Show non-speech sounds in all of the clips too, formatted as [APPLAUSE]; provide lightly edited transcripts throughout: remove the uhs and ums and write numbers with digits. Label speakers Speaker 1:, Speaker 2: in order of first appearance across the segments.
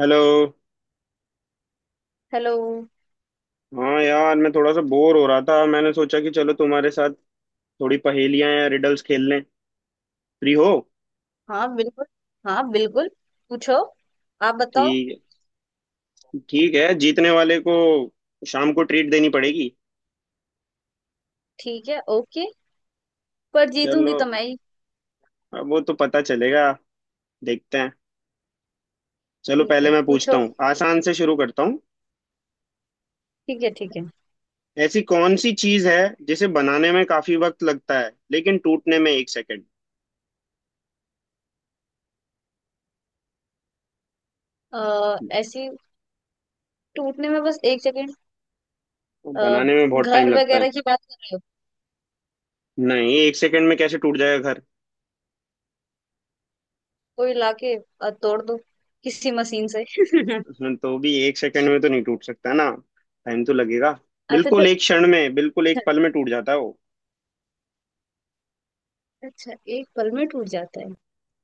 Speaker 1: Hello.
Speaker 2: Hello.
Speaker 1: हाँ यार, मैं थोड़ा सा बोर हो रहा था। मैंने सोचा कि चलो तुम्हारे साथ थोड़ी पहेलियां या रिडल्स खेल लें। फ्री हो?
Speaker 2: हाँ बिल्कुल। हाँ बिल्कुल। पूछो। आप बताओ।
Speaker 1: ठीक है, ठीक है। जीतने वाले को शाम को ट्रीट देनी पड़ेगी।
Speaker 2: ठीक है ओके। पर जीतूंगी
Speaker 1: चलो,
Speaker 2: तो मैं ही।
Speaker 1: अब वो तो पता चलेगा, देखते हैं। चलो,
Speaker 2: ठीक
Speaker 1: पहले
Speaker 2: है
Speaker 1: मैं पूछता
Speaker 2: पूछो।
Speaker 1: हूँ, आसान से शुरू करता हूँ।
Speaker 2: ठीक है ठीक है।
Speaker 1: ऐसी कौन सी चीज है जिसे बनाने में काफी वक्त लगता है, लेकिन टूटने में एक सेकंड?
Speaker 2: ऐसी टूटने में बस एक सेकेंड। अ,
Speaker 1: बनाने में बहुत
Speaker 2: घर
Speaker 1: टाइम लगता है।
Speaker 2: वगैरह की बात कर रहे हो।
Speaker 1: नहीं, एक सेकंड में कैसे टूट जाएगा?
Speaker 2: कोई लाके तोड़ दो किसी मशीन से। [LAUGHS]
Speaker 1: उसमें तो भी एक सेकंड में तो नहीं टूट सकता ना, टाइम तो लगेगा।
Speaker 2: अच्छा जो
Speaker 1: बिल्कुल एक क्षण में, बिल्कुल एक पल में टूट जाता है वो।
Speaker 2: अच्छा एक पल में टूट जाता है।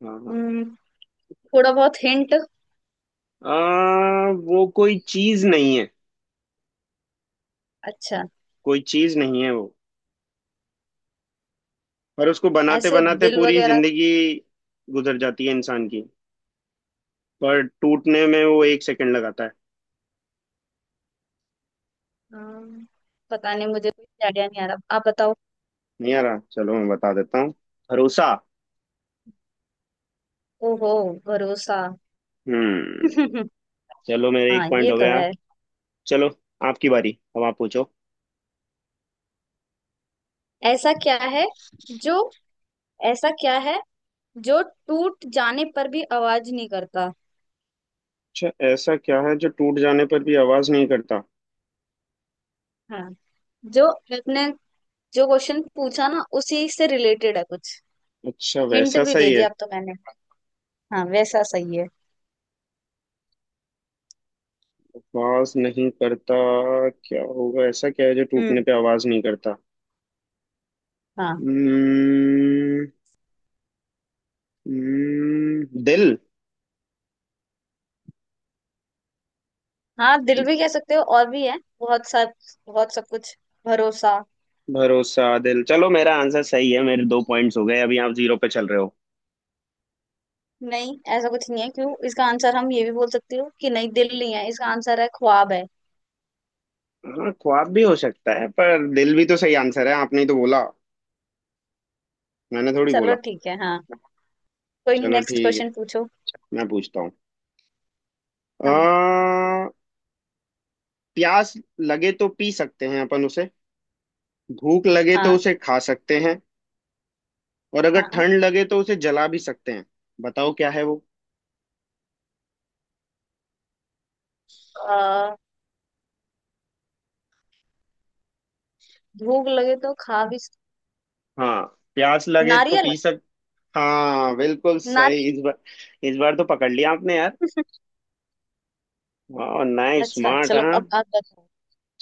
Speaker 1: हाँ, हाँ।
Speaker 2: हम्म, थोड़ा बहुत हिंट।
Speaker 1: वो कोई चीज नहीं है।
Speaker 2: अच्छा
Speaker 1: कोई चीज नहीं है वो। पर उसको बनाते
Speaker 2: ऐसे
Speaker 1: बनाते
Speaker 2: दिल
Speaker 1: पूरी
Speaker 2: वगैरह।
Speaker 1: जिंदगी गुजर जाती है इंसान की, पर टूटने में वो एक सेकंड लगाता है।
Speaker 2: अम, पता नहीं मुझे कोई आइडिया नहीं आ रहा। आप बताओ।
Speaker 1: नहीं आ रहा? चलो मैं बता देता हूँ। भरोसा।
Speaker 2: ओहो भरोसा।
Speaker 1: हम्म।
Speaker 2: [LAUGHS]
Speaker 1: चलो, मेरे एक
Speaker 2: हाँ
Speaker 1: पॉइंट
Speaker 2: ये
Speaker 1: हो
Speaker 2: तो
Speaker 1: गया।
Speaker 2: है।
Speaker 1: चलो, आपकी बारी, अब आप पूछो।
Speaker 2: ऐसा क्या है जो ऐसा क्या है जो टूट जाने पर भी आवाज नहीं करता।
Speaker 1: अच्छा, ऐसा क्या है जो टूट जाने पर भी आवाज नहीं करता?
Speaker 2: हाँ जो आपने जो क्वेश्चन पूछा ना उसी से रिलेटेड है कुछ।
Speaker 1: अच्छा,
Speaker 2: हिंट
Speaker 1: वैसा
Speaker 2: भी दे
Speaker 1: सही है।
Speaker 2: दिया अब तो मैंने। हाँ वैसा सही है।
Speaker 1: आवाज नहीं करता। क्या होगा? ऐसा क्या है जो
Speaker 2: हम्म।
Speaker 1: टूटने पे आवाज नहीं करता?
Speaker 2: हाँ
Speaker 1: हम्म, दिल।
Speaker 2: हाँ दिल भी कह सकते हो और भी है बहुत सब। बहुत सब कुछ। भरोसा।
Speaker 1: भरोसा, दिल। चलो, मेरा आंसर सही है, मेरे दो पॉइंट्स हो गए, अभी आप जीरो पे चल रहे हो।
Speaker 2: नहीं ऐसा कुछ नहीं है। क्यों इसका आंसर हम ये भी बोल सकते हो कि नहीं दिल नहीं है। इसका आंसर है ख्वाब है।
Speaker 1: हाँ, ख्वाब भी हो सकता है, पर दिल भी तो सही आंसर है, आपने ही तो बोला। मैंने थोड़ी
Speaker 2: चलो
Speaker 1: बोला।
Speaker 2: ठीक है हाँ। कोई नहीं,
Speaker 1: चलो
Speaker 2: नेक्स्ट
Speaker 1: ठीक है,
Speaker 2: क्वेश्चन पूछो।
Speaker 1: मैं पूछता हूँ। अ,
Speaker 2: हाँ।
Speaker 1: प्यास लगे तो पी सकते हैं अपन उसे, भूख लगे तो
Speaker 2: हाँ।
Speaker 1: उसे खा सकते हैं, और अगर
Speaker 2: हाँ।
Speaker 1: ठंड लगे तो उसे जला भी सकते हैं। बताओ क्या है वो?
Speaker 2: आ, भूख लगे तो खा भी सक-
Speaker 1: हाँ, प्यास लगे तो
Speaker 2: नारियल।
Speaker 1: पी सक। हाँ, बिल्कुल सही
Speaker 2: नारियल।
Speaker 1: इस बार। इस बार तो पकड़ लिया आपने यार। वाह, नाइस,
Speaker 2: अच्छा
Speaker 1: स्मार्ट।
Speaker 2: चलो
Speaker 1: हाँ,
Speaker 2: अब आप बताओ।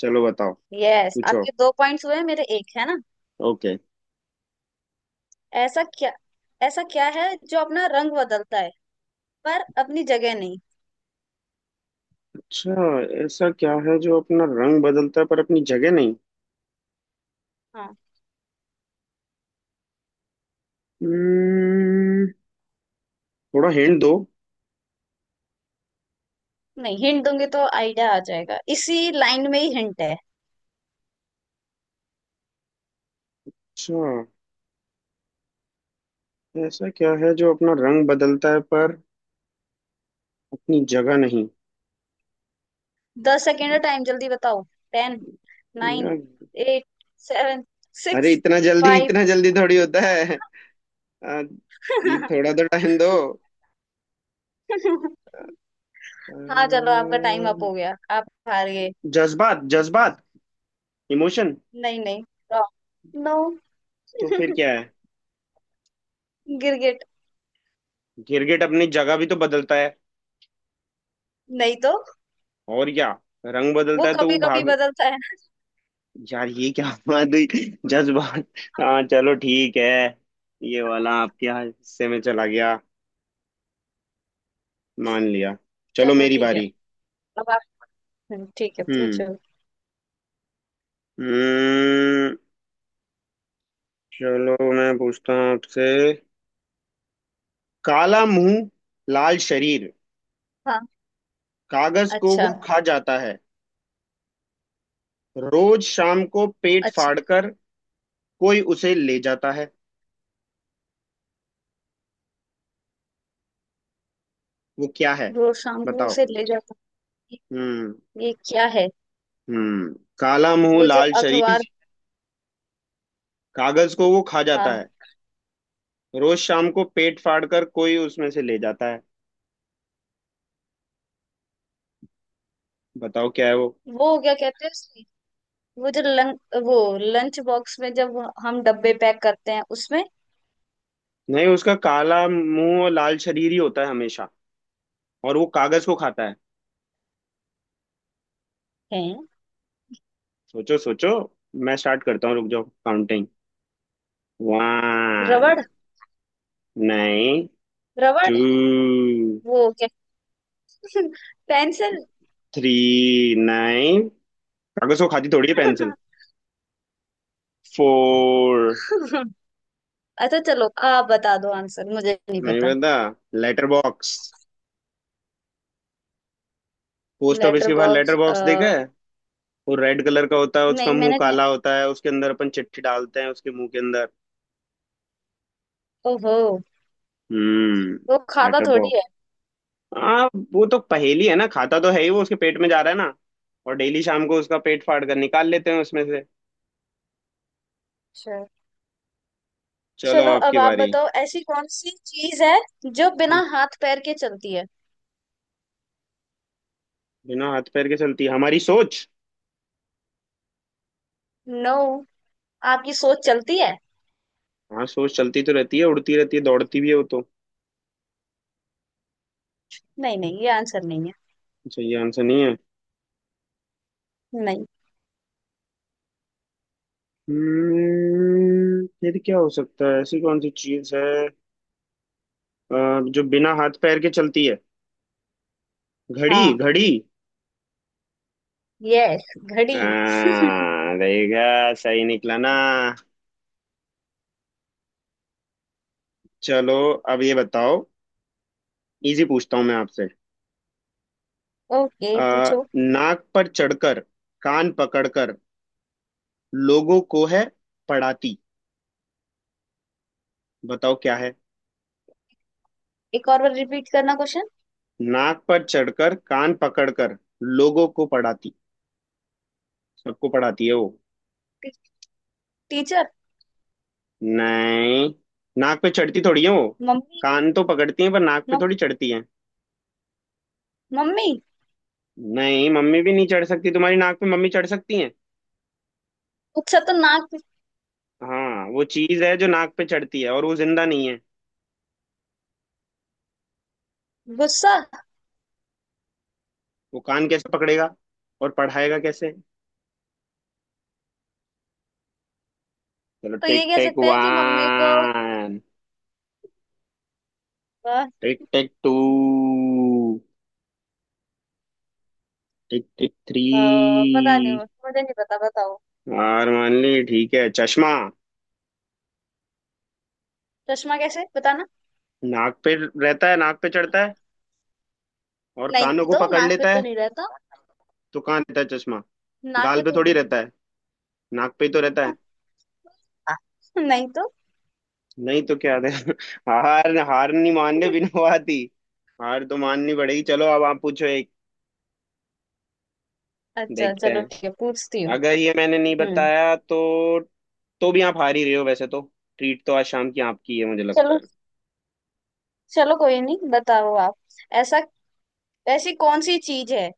Speaker 1: चलो बताओ।
Speaker 2: यस
Speaker 1: पूछो।
Speaker 2: आपके दो पॉइंट्स हुए मेरे एक है ना।
Speaker 1: ओके।
Speaker 2: ऐसा क्या ऐसा क्या है जो अपना रंग बदलता है पर अपनी जगह नहीं।
Speaker 1: अच्छा, ऐसा क्या है जो अपना रंग बदलता है पर अपनी जगह नहीं?
Speaker 2: हाँ।
Speaker 1: हम्म, थोड़ा हिंट दो।
Speaker 2: नहीं हिंट दूंगी तो आइडिया आ जाएगा, इसी लाइन में ही हिंट है।
Speaker 1: अच्छा, ऐसा क्या है जो अपना रंग बदलता है पर अपनी जगह नहीं?
Speaker 2: दस सेकेंड का टाइम, जल्दी बताओ। टेन, नाइन,
Speaker 1: यार,
Speaker 2: एट, सेवन,
Speaker 1: अरे
Speaker 2: सिक्स,
Speaker 1: इतना जल्दी,
Speaker 2: फाइव।
Speaker 1: इतना जल्दी थोड़ी होता है। आ, ये थोड़ा तो टाइम दो।
Speaker 2: [LAUGHS] हाँ चलो आपका टाइम अप
Speaker 1: अम्म,
Speaker 2: हो गया, आप हार गए।
Speaker 1: जज्बात, जज्बात, इमोशन।
Speaker 2: नहीं नहीं, रॉन्ग। नो।
Speaker 1: तो फिर क्या
Speaker 2: [LAUGHS]
Speaker 1: है?
Speaker 2: गिरगिट।
Speaker 1: गिरगिट अपनी जगह भी तो बदलता है।
Speaker 2: नहीं तो,
Speaker 1: और क्या? रंग
Speaker 2: वो
Speaker 1: बदलता है तो
Speaker 2: कभी
Speaker 1: वो
Speaker 2: कभी
Speaker 1: भाग।
Speaker 2: बदलता है ना।
Speaker 1: यार ये क्या [LAUGHS] बात हुई? जज्बात। हाँ चलो ठीक है, ये वाला आपके यहाँ हिस्से में चला गया, मान लिया। चलो
Speaker 2: चलो
Speaker 1: मेरी
Speaker 2: ठीक है
Speaker 1: बारी।
Speaker 2: अब आप। ठीक है
Speaker 1: हम्म,
Speaker 2: पूछो।
Speaker 1: हम्म। चलो मैं पूछता हूँ आपसे। काला मुंह, लाल शरीर,
Speaker 2: हाँ।
Speaker 1: कागज को वो
Speaker 2: अच्छा।
Speaker 1: खा जाता है, रोज शाम को पेट
Speaker 2: अच्छा।
Speaker 1: फाड़कर कोई उसे ले जाता है। वो क्या है?
Speaker 2: रोज शाम को
Speaker 1: बताओ।
Speaker 2: उसे ले जाता हूँ।
Speaker 1: हम्म,
Speaker 2: ये क्या है।
Speaker 1: हम्म। काला मुंह,
Speaker 2: वो जो
Speaker 1: लाल
Speaker 2: अखबार।
Speaker 1: शरीर, कागज को वो खा जाता
Speaker 2: हाँ।
Speaker 1: है, रोज शाम को पेट फाड़ कर कोई उसमें से ले जाता है। बताओ क्या है वो?
Speaker 2: वो क्या कहते हैं उसमें, वो जो लं, वो लंच बॉक्स में जब हम डब्बे पैक करते हैं उसमें
Speaker 1: नहीं, उसका काला मुंह और लाल शरीर ही होता है हमेशा, और वो कागज को खाता है।
Speaker 2: है।
Speaker 1: सोचो, सोचो। मैं स्टार्ट करता हूँ, रुक जाओ, काउंटिंग। वन,
Speaker 2: रबड़।
Speaker 1: नाइन,
Speaker 2: रबड़।
Speaker 1: टू,
Speaker 2: वो क्या [LAUGHS] पेंसिल।
Speaker 1: Three, nine. कागज को खाती थोड़ी है पेंसिल।
Speaker 2: [LAUGHS]
Speaker 1: फोर।
Speaker 2: अच्छा चलो आप बता दो, आंसर मुझे नहीं
Speaker 1: नहीं
Speaker 2: पता।
Speaker 1: पता? Letter box. Post office
Speaker 2: letter
Speaker 1: के बाहर
Speaker 2: बॉक्स।
Speaker 1: लेटर बॉक्स देखा? वो रेड कलर का होता है, उसका
Speaker 2: नहीं
Speaker 1: मुंह
Speaker 2: मैंने
Speaker 1: काला होता है, उसके अंदर अपन चिट्ठी डालते हैं, उसके मुंह के अंदर।
Speaker 2: ओहो
Speaker 1: हम्म।
Speaker 2: वो खाता
Speaker 1: लेटर
Speaker 2: थोड़ी
Speaker 1: बॉक्स।
Speaker 2: है।
Speaker 1: हाँ, वो तो पहेली है ना, खाता तो है ही, वो उसके पेट में जा रहा है ना, और डेली शाम को उसका पेट फाड़ कर निकाल लेते हैं उसमें से।
Speaker 2: अच्छा
Speaker 1: चलो,
Speaker 2: चलो अब
Speaker 1: आपकी
Speaker 2: आप
Speaker 1: बारी।
Speaker 2: बताओ, ऐसी कौन सी चीज है जो बिना हाथ पैर के चलती है।
Speaker 1: बिना हाथ पैर के चलती है हमारी सोच।
Speaker 2: नो आपकी सोच चलती है।
Speaker 1: हाँ, सोच चलती तो रहती है, उड़ती रहती है, दौड़ती भी है वो तो।
Speaker 2: नहीं नहीं ये आंसर नहीं है।
Speaker 1: अच्छा, ये आंसर नहीं है।
Speaker 2: नहीं।
Speaker 1: हम्म, फिर क्या हो सकता है? ऐसी कौन सी चीज है, अ, जो बिना हाथ पैर के चलती है? घड़ी,
Speaker 2: हाँ
Speaker 1: घड़ी।
Speaker 2: यस घड़ी।
Speaker 1: हाँ, देखा, सही निकला ना। चलो अब ये बताओ, इजी पूछता हूँ मैं आपसे।
Speaker 2: ओके पूछो।
Speaker 1: नाक पर चढ़कर, कान पकड़कर, लोगों को है पढ़ाती। बताओ क्या है?
Speaker 2: एक और बार रिपीट करना क्वेश्चन।
Speaker 1: नाक पर चढ़कर, कान पकड़कर लोगों को पढ़ाती, सबको पढ़ाती है वो।
Speaker 2: T, teacher.
Speaker 1: नहीं, नाक पे चढ़ती थोड़ी है वो।
Speaker 2: मम्मी।
Speaker 1: कान तो पकड़ती है, पर नाक पे
Speaker 2: मम्मी।
Speaker 1: थोड़ी चढ़ती है।
Speaker 2: मम्मी।
Speaker 1: नहीं, मम्मी भी नहीं चढ़ सकती तुम्हारी नाक पे। मम्मी चढ़ सकती है?
Speaker 2: गुस्सा तो नाक पे-
Speaker 1: हाँ, वो चीज है जो नाक पे चढ़ती है और वो जिंदा नहीं है।
Speaker 2: गुस्सा।
Speaker 1: वो कान कैसे पकड़ेगा और पढ़ाएगा कैसे? चलो,
Speaker 2: तो ये
Speaker 1: टिक
Speaker 2: कह
Speaker 1: टिक
Speaker 2: सकते हैं कि मम्मी को
Speaker 1: वन,
Speaker 2: अ,
Speaker 1: tick tick two, tick tick three.
Speaker 2: पता नहीं मुझे नहीं पता बताओ।
Speaker 1: हार मान ली? ठीक है, चश्मा।
Speaker 2: चश्मा कैसे बताना।
Speaker 1: नाक पे रहता है, नाक पे चढ़ता है, और
Speaker 2: नहीं
Speaker 1: कानों को
Speaker 2: तो
Speaker 1: पकड़
Speaker 2: नाक पे
Speaker 1: लेता
Speaker 2: तो
Speaker 1: है।
Speaker 2: नहीं रहता।
Speaker 1: तो कहाँ रहता है चश्मा?
Speaker 2: नाक
Speaker 1: गाल
Speaker 2: पे
Speaker 1: पे थोड़ी
Speaker 2: थोड़ी।
Speaker 1: रहता है, नाक पे ही तो रहता है।
Speaker 2: [LAUGHS] नहीं तो।
Speaker 1: नहीं तो क्या दे [LAUGHS] हार, हार नहीं मानने, बिना
Speaker 2: [LAUGHS]
Speaker 1: बात ही। हार तो माननी पड़ेगी। चलो, अब आप पूछो एक,
Speaker 2: अच्छा
Speaker 1: देखते
Speaker 2: चलो
Speaker 1: हैं।
Speaker 2: ठीक है पूछती हूँ।
Speaker 1: अगर ये मैंने नहीं
Speaker 2: हम्म।
Speaker 1: बताया तो भी आप हार ही रहे हो वैसे तो। ट्रीट तो आज शाम की आपकी है मुझे लगता
Speaker 2: चलो।
Speaker 1: है।
Speaker 2: चलो कोई नहीं बताओ आप। ऐसा ऐसी कौन सी चीज है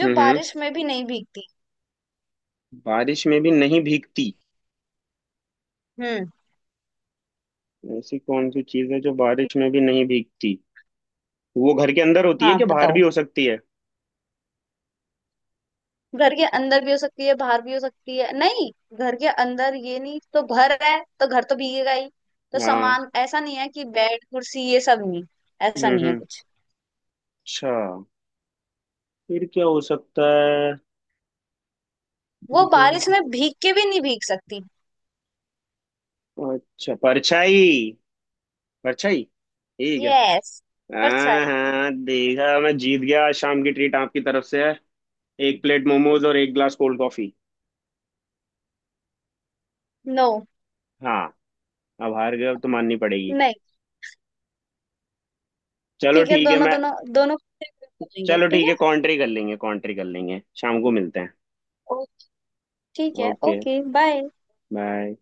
Speaker 2: जो
Speaker 1: हम्म,
Speaker 2: बारिश में भी नहीं भीगती।
Speaker 1: बारिश में भी नहीं भीगती।
Speaker 2: हम्म।
Speaker 1: ऐसी कौन सी चीज है जो बारिश में भी नहीं भीगती? वो घर के अंदर होती है
Speaker 2: हाँ
Speaker 1: कि बाहर भी
Speaker 2: बताओ।
Speaker 1: हो सकती है?
Speaker 2: घर के अंदर भी हो सकती है बाहर भी हो सकती है। नहीं घर के अंदर ये नहीं तो घर है तो घर तो भीगेगा ही। तो
Speaker 1: हाँ।
Speaker 2: सामान ऐसा नहीं है कि बेड कुर्सी ये सब नहीं। ऐसा
Speaker 1: हम्म,
Speaker 2: नहीं है
Speaker 1: हम्म।
Speaker 2: कुछ।
Speaker 1: अच्छा, फिर क्या हो सकता है?
Speaker 2: वो
Speaker 1: फिर क्या हो
Speaker 2: बारिश में भीग के भी नहीं भीग सकती।
Speaker 1: सकता? अच्छा, परछाई। परछाई, ठीक है।
Speaker 2: यस
Speaker 1: हाँ,
Speaker 2: परछाई।
Speaker 1: हाँ, देखा, मैं जीत गया। आज शाम की ट्रीट आपकी तरफ से है। एक प्लेट मोमोज और एक ग्लास कोल्ड कॉफी।
Speaker 2: नो।
Speaker 1: हाँ, अब हार गए, अब तो माननी पड़ेगी।
Speaker 2: नहीं।
Speaker 1: चलो
Speaker 2: ठीक है
Speaker 1: ठीक है,
Speaker 2: दोनों
Speaker 1: मैं।
Speaker 2: दोनों दोनों को सेपरेट कर लेंगे
Speaker 1: चलो
Speaker 2: ठीक
Speaker 1: ठीक
Speaker 2: है।
Speaker 1: है, कॉन्ट्री कर लेंगे, कॉन्ट्री कर लेंगे, शाम को मिलते हैं।
Speaker 2: ओ, ठीक है
Speaker 1: ओके,
Speaker 2: ओके बाय।
Speaker 1: बाय।